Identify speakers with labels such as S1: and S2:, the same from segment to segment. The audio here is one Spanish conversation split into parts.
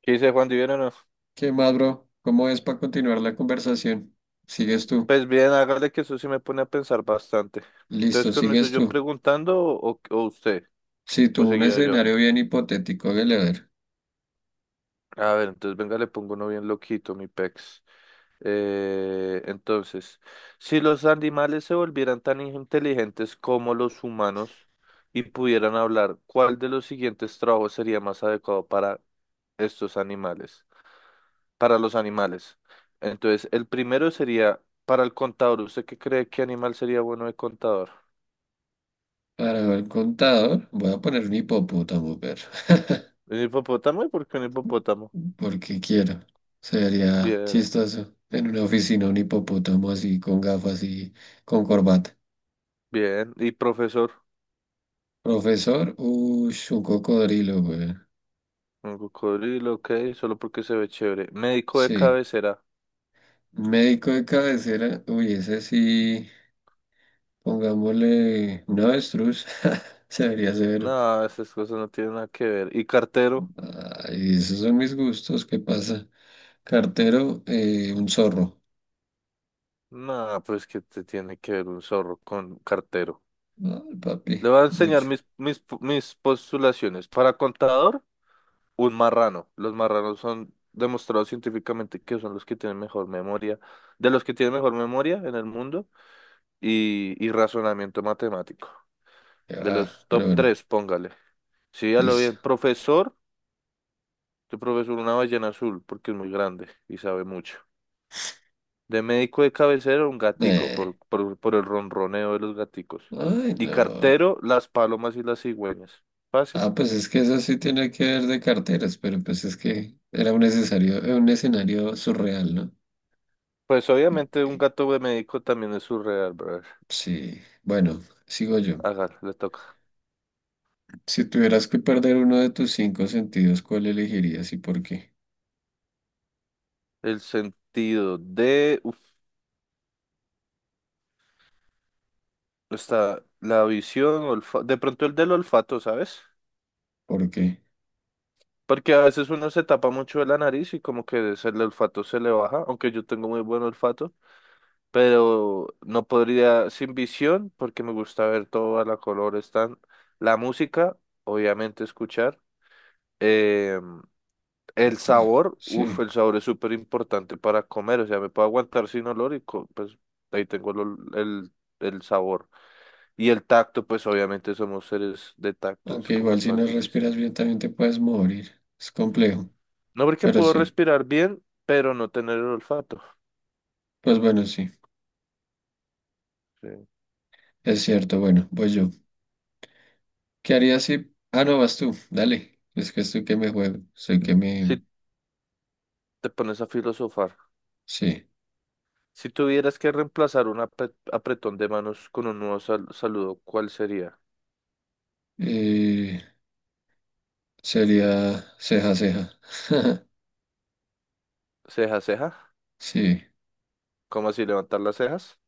S1: ¿Qué dice Juan Divino? No.
S2: ¿Qué más, bro? ¿Cómo es para continuar la conversación? Sigues tú.
S1: Pues bien, hágale que eso sí me pone a pensar bastante.
S2: Listo,
S1: Entonces, ¿comienzo
S2: sigues
S1: yo
S2: tú.
S1: preguntando o usted?
S2: Si
S1: ¿O
S2: tú un
S1: seguía yo?
S2: escenario bien hipotético, hágale a ver.
S1: A ver, entonces venga, le pongo uno bien loquito, mi pex. Entonces, si los animales se volvieran tan inteligentes como los humanos y pudieran hablar, ¿cuál de los siguientes trabajos sería más adecuado para estos animales? Para los animales. Entonces, el primero sería para el contador. ¿Usted qué cree que animal sería bueno de contador?
S2: Para el contador, voy a poner un hipopótamo, pero
S1: ¿Un hipopótamo? ¿Y por qué un hipopótamo?
S2: porque quiero. Sería
S1: Bien,
S2: chistoso. En una oficina, un hipopótamo así, con gafas y con corbata.
S1: bien. ¿Y profesor?
S2: Profesor, uy, un cocodrilo, güey.
S1: Un cocodrilo, ok, solo porque se ve chévere. ¿Médico de
S2: Sí.
S1: cabecera?
S2: Médico de cabecera, uy, ese sí, pongámosle un avestruz. Se vería severo.
S1: No, esas cosas no tienen nada que ver. ¿Y cartero?
S2: Ay, esos son mis gustos, ¿qué pasa? Cartero, un zorro.
S1: No, pues que te tiene que ver un zorro con cartero.
S2: Ay, papi,
S1: Le voy a enseñar
S2: mucho.
S1: mis postulaciones. Para contador, un marrano. Los marranos son demostrados científicamente que son los que tienen mejor memoria, de los que tienen mejor memoria en el mundo y razonamiento matemático.
S2: Ya,
S1: De los
S2: va, pero
S1: top
S2: bueno,
S1: tres, póngale. Sí, ya lo bien.
S2: listo.
S1: Profesor, tu profesor una ballena azul porque es muy grande y sabe mucho. De médico de cabecera, un gatico por,
S2: Eh,
S1: por, por el ronroneo de los gaticos.
S2: ay,
S1: Y
S2: no.
S1: cartero, las palomas y las cigüeñas. Fácil.
S2: Ah, pues es que eso sí tiene que ver de carteras, pero pues es que era un necesario, un escenario surreal, ¿no?
S1: Pues
S2: Y-
S1: obviamente un
S2: y-
S1: gato de médico también es surreal, brother.
S2: sí, bueno, sigo yo.
S1: Hágale, le toca.
S2: Si tuvieras que perder uno de tus cinco sentidos, ¿cuál elegirías y por qué?
S1: El sentido de, uf, está la visión, olfa- de pronto el del olfato, ¿sabes?
S2: ¿Por qué?
S1: Porque a veces uno se tapa mucho de la nariz y como que se- el olfato se le baja, aunque yo tengo muy buen olfato, pero no podría sin visión porque me gusta ver todo a la color, están la música, obviamente escuchar, eh, el
S2: Actos.
S1: sabor,
S2: Sí.
S1: uff, el sabor es súper importante para comer, o sea, me puedo aguantar sin olor y pues ahí tengo el sabor. Y el tacto, pues obviamente somos seres de tacto, es
S2: Aunque
S1: como
S2: igual
S1: el
S2: si
S1: más
S2: no
S1: difícil.
S2: respiras bien también te puedes morir. Es complejo.
S1: No porque
S2: Pero
S1: puedo
S2: sí.
S1: respirar bien, pero no tener el olfato.
S2: Pues bueno, sí.
S1: Sí.
S2: Es cierto. Bueno, voy yo. ¿Qué harías si... ah, no, vas tú. Dale. Es que estoy que me juego. Sé que me...
S1: Si te pones a filosofar,
S2: sí.
S1: si tuvieras que reemplazar un apretón de manos con un nuevo saludo, ¿cuál sería?
S2: Eh, sería ceja, ceja.
S1: ¿Ceja, ceja?
S2: Sí.
S1: ¿Cómo así levantar las cejas?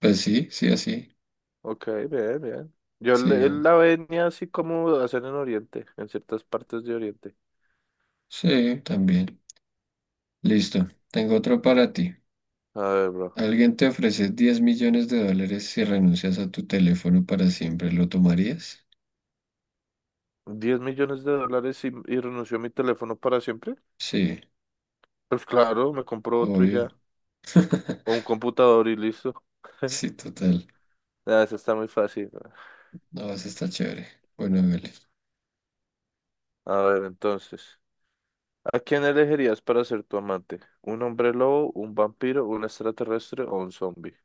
S2: Pues sí, sí, así.
S1: Ok, bien, bien. Yo
S2: Sí.
S1: la venía así como hacen en Oriente, en ciertas partes de Oriente.
S2: Sí, también. Listo. Tengo otro para ti.
S1: A ver, bro.
S2: Alguien te ofrece 10 millones de dólares si renuncias a tu teléfono para siempre. ¿Lo tomarías?
S1: ¿10 millones de dólares y renuncio a mi teléfono para siempre?
S2: Sí,
S1: Pues claro, me compro otro y
S2: obvio.
S1: ya. O un computador y listo.
S2: Sí, total.
S1: Ah, eso está muy fácil, ¿no?
S2: No, eso está chévere. Bueno, hágale.
S1: A ver, entonces. ¿A quién elegirías para ser tu amante? ¿Un hombre lobo, un vampiro, un extraterrestre o un zombie?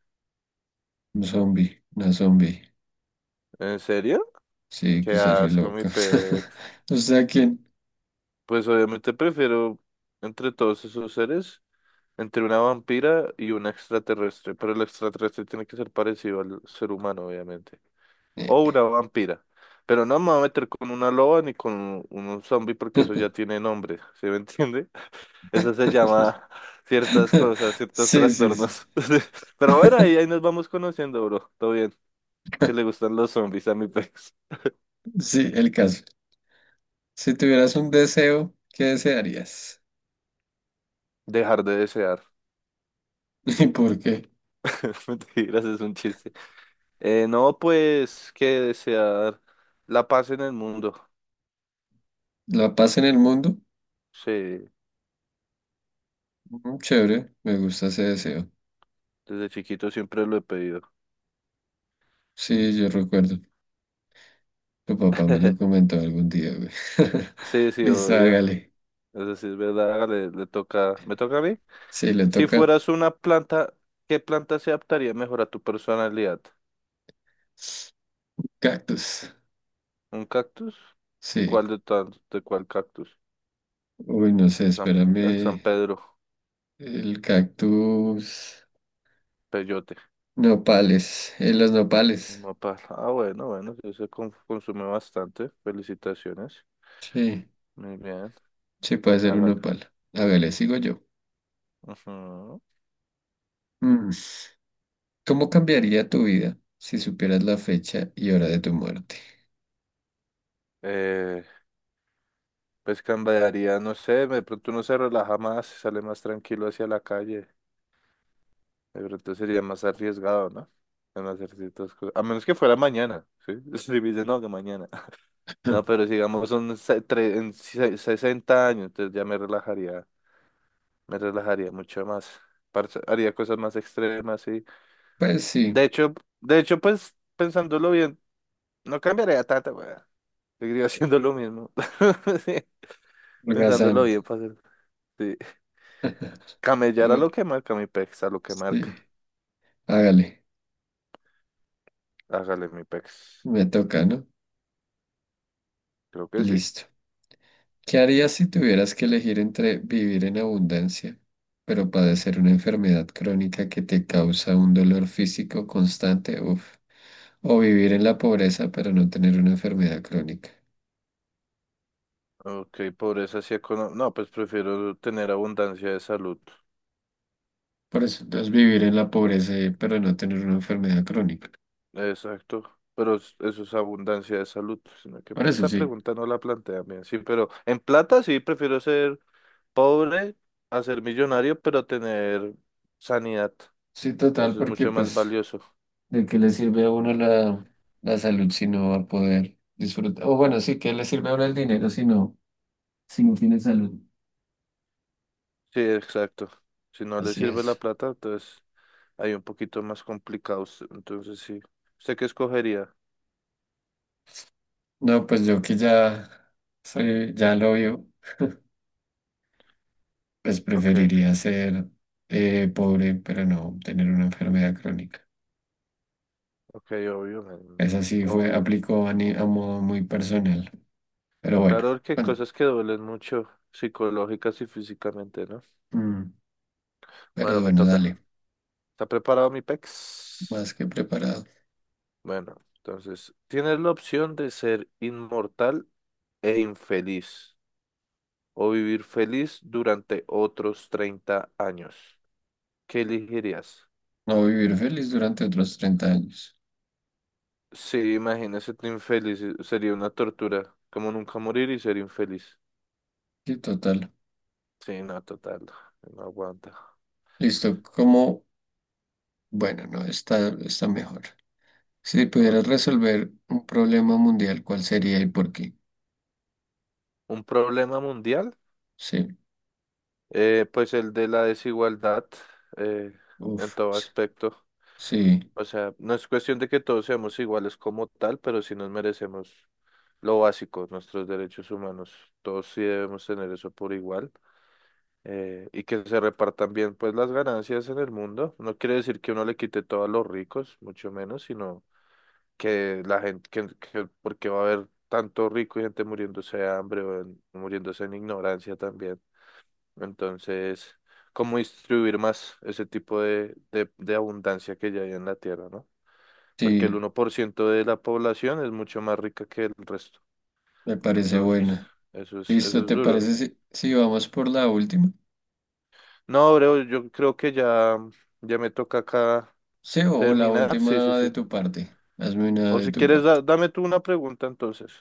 S2: Un zombie, una zombie.
S1: ¿En serio?
S2: Sí, que
S1: Qué
S2: se re
S1: asco, mi
S2: loca.
S1: pex.
S2: O sea, ¿quién?
S1: Pues obviamente prefiero entre todos esos seres, entre una vampira y un extraterrestre. Pero el extraterrestre tiene que ser parecido al ser humano, obviamente. O una
S2: Eh.
S1: vampira. Pero no me voy a meter con una loba ni con un zombie porque eso ya tiene nombre. ¿Sí me entiende? Eso se llama ciertas cosas, ciertos
S2: Sí, sí, sí.
S1: trastornos. Pero bueno, ahí nos vamos conociendo, bro. Todo bien. Que le gustan los zombies a mi pez.
S2: Sí, el caso. Si tuvieras un deseo, ¿qué desearías?
S1: Dejar de desear.
S2: ¿Y por qué?
S1: Mentiras, es un chiste. No, pues que desear la paz en el mundo.
S2: ¿La paz en el mundo?
S1: Sí,
S2: Mm, chévere, me gusta ese deseo.
S1: desde chiquito siempre lo he pedido.
S2: Sí, yo recuerdo. Tu papá me lo comentó algún día, güey.
S1: Sí, sí,
S2: Listo,
S1: obvio.
S2: hágale.
S1: Eso sí es verdad. Le toca. ¿Me toca a mí?
S2: Sí, le
S1: Si
S2: toca.
S1: fueras una planta, ¿qué planta se adaptaría mejor a tu personalidad?
S2: Cactus.
S1: ¿Un cactus?
S2: Sí.
S1: ¿Cuál de, tantos? ¿De cuál cactus?
S2: Uy, no sé,
S1: San- el San
S2: espérame.
S1: Pedro,
S2: El cactus.
S1: peyote,
S2: Nopales. Los nopales.
S1: un nopal. Ah, bueno, bueno, sí se consume bastante. Felicitaciones.
S2: Sí,
S1: Muy bien,
S2: sí puede ser un
S1: hágalo.
S2: nopal. Hágale, sigo yo.
S1: Ujú.
S2: Mm, ¿cómo cambiaría tu vida si supieras la fecha y hora de tu muerte?
S1: Eh, pues cambiaría, no sé, de pronto uno se relaja más, sale más tranquilo hacia la calle. De pronto sería más arriesgado, ¿no? En hacer ciertas cosas. A menos que fuera mañana, ¿sí? Si me dice, no, que mañana. No, pero sigamos, son 60 años, entonces ya me relajaría mucho más, parce, haría cosas más extremas y...
S2: Pues sí,
S1: De hecho, de hecho, pues, pensándolo bien, no cambiaría tanto, weón. Seguiría haciendo lo mismo. Sí, pensándolo
S2: holgazán.
S1: bien, parce, sí. Camellar a
S2: Bu-
S1: lo que marca mi pex, a lo que marca.
S2: Sí, hágale.
S1: Hágale, mi pex.
S2: Me toca, ¿no?
S1: Creo que sí.
S2: Listo. ¿Qué harías si tuvieras que elegir entre vivir en abundancia, pero padecer una enfermedad crónica que te causa un dolor físico constante? Uf. O vivir en la pobreza pero no tener una enfermedad crónica.
S1: Ok, pobreza sí económica. No, pues prefiero tener abundancia de salud.
S2: Por eso, entonces vivir en la pobreza pero no tener una enfermedad crónica.
S1: Exacto. Pero eso es abundancia de salud. Sino que
S2: Por
S1: pues,
S2: eso
S1: esa
S2: sí.
S1: pregunta no la plantea bien. Sí, pero en plata sí prefiero ser pobre a ser millonario, pero tener sanidad.
S2: Sí, total,
S1: Eso es
S2: porque
S1: mucho más
S2: pues,
S1: valioso.
S2: ¿de qué le sirve a uno la salud si no va a poder disfrutar? O bueno, sí, ¿qué le sirve a uno el dinero si no tiene salud?
S1: Sí, exacto. Si no le
S2: Así
S1: sirve la
S2: es.
S1: plata, entonces hay un poquito más complicados. Entonces sí. ¿Usted qué escogería?
S2: No, pues yo que ya soy, ya lo vio, pues
S1: Ok,
S2: preferiría ser pobre pero no tener una enfermedad crónica.
S1: ok, obvio, mi niño,
S2: Esa sí fue,
S1: obvio.
S2: aplicó a, a modo muy personal. Pero bueno,
S1: Claro que hay
S2: bueno,
S1: cosas que duelen mucho psicológicas y físicamente, ¿no?
S2: mm, pero
S1: Bueno, me
S2: bueno,
S1: toca.
S2: dale,
S1: ¿Está preparado mi pex?
S2: más que preparado.
S1: Bueno, entonces, tienes la opción de ser inmortal e infeliz, o vivir feliz durante otros 30 años. ¿Qué elegirías?
S2: No, vivir feliz durante otros 30 años.
S1: Sí, imagínese ser infeliz, sería una tortura, como nunca morir y ser infeliz.
S2: Sí, total.
S1: Sí, no, total, no aguanta.
S2: Listo, como, bueno, no, está mejor. Si
S1: A ver,
S2: pudieras resolver un problema mundial, ¿cuál sería y por qué?
S1: ¿un problema mundial?
S2: Sí,
S1: Pues el de la desigualdad, eh, en
S2: uff,
S1: todo aspecto.
S2: sí,
S1: O sea, no es cuestión de que todos seamos iguales como tal, pero sí nos merecemos lo básico, nuestros derechos humanos. Todos sí debemos tener eso por igual. Y que se repartan bien pues las ganancias en el mundo. No quiere decir que uno le quite todo a los ricos, mucho menos, sino que la gente, que- porque va a haber tanto rico y gente muriéndose de hambre o en- muriéndose en ignorancia también. Entonces, ¿cómo distribuir más ese tipo de abundancia que ya hay en la tierra, ¿no? Porque el
S2: sí,
S1: 1% de la población es mucho más rica que el resto.
S2: me parece
S1: Entonces,
S2: buena.
S1: eso es, eso
S2: Listo,
S1: es
S2: ¿te
S1: duro.
S2: parece si, si vamos por la última?
S1: No, bro, yo creo que ya me toca acá
S2: Sí, o la
S1: terminar, sí, sí,
S2: última de
S1: sí.
S2: tu parte. Hazme una
S1: O
S2: de
S1: si
S2: tu
S1: quieres,
S2: parte.
S1: dame tú una pregunta entonces.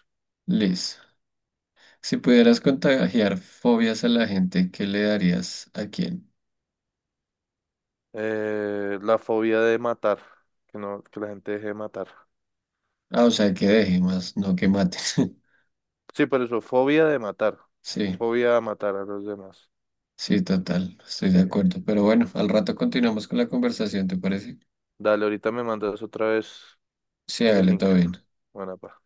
S2: Listo. Si pudieras contagiar fobias a la gente, ¿qué le darías a quién?
S1: La fobia de matar, que no, que la gente deje de matar.
S2: Ah, o sea, que deje más, no que maten.
S1: Sí, por eso, fobia de matar,
S2: Sí,
S1: fobia a matar a los demás.
S2: sí, total, estoy
S1: Sí.
S2: de acuerdo. Pero bueno, al rato continuamos con la conversación, ¿te parece?
S1: Dale, ahorita me mandas otra vez
S2: Sí,
S1: el
S2: hágale,
S1: link.
S2: todo bien.
S1: Buena, pa.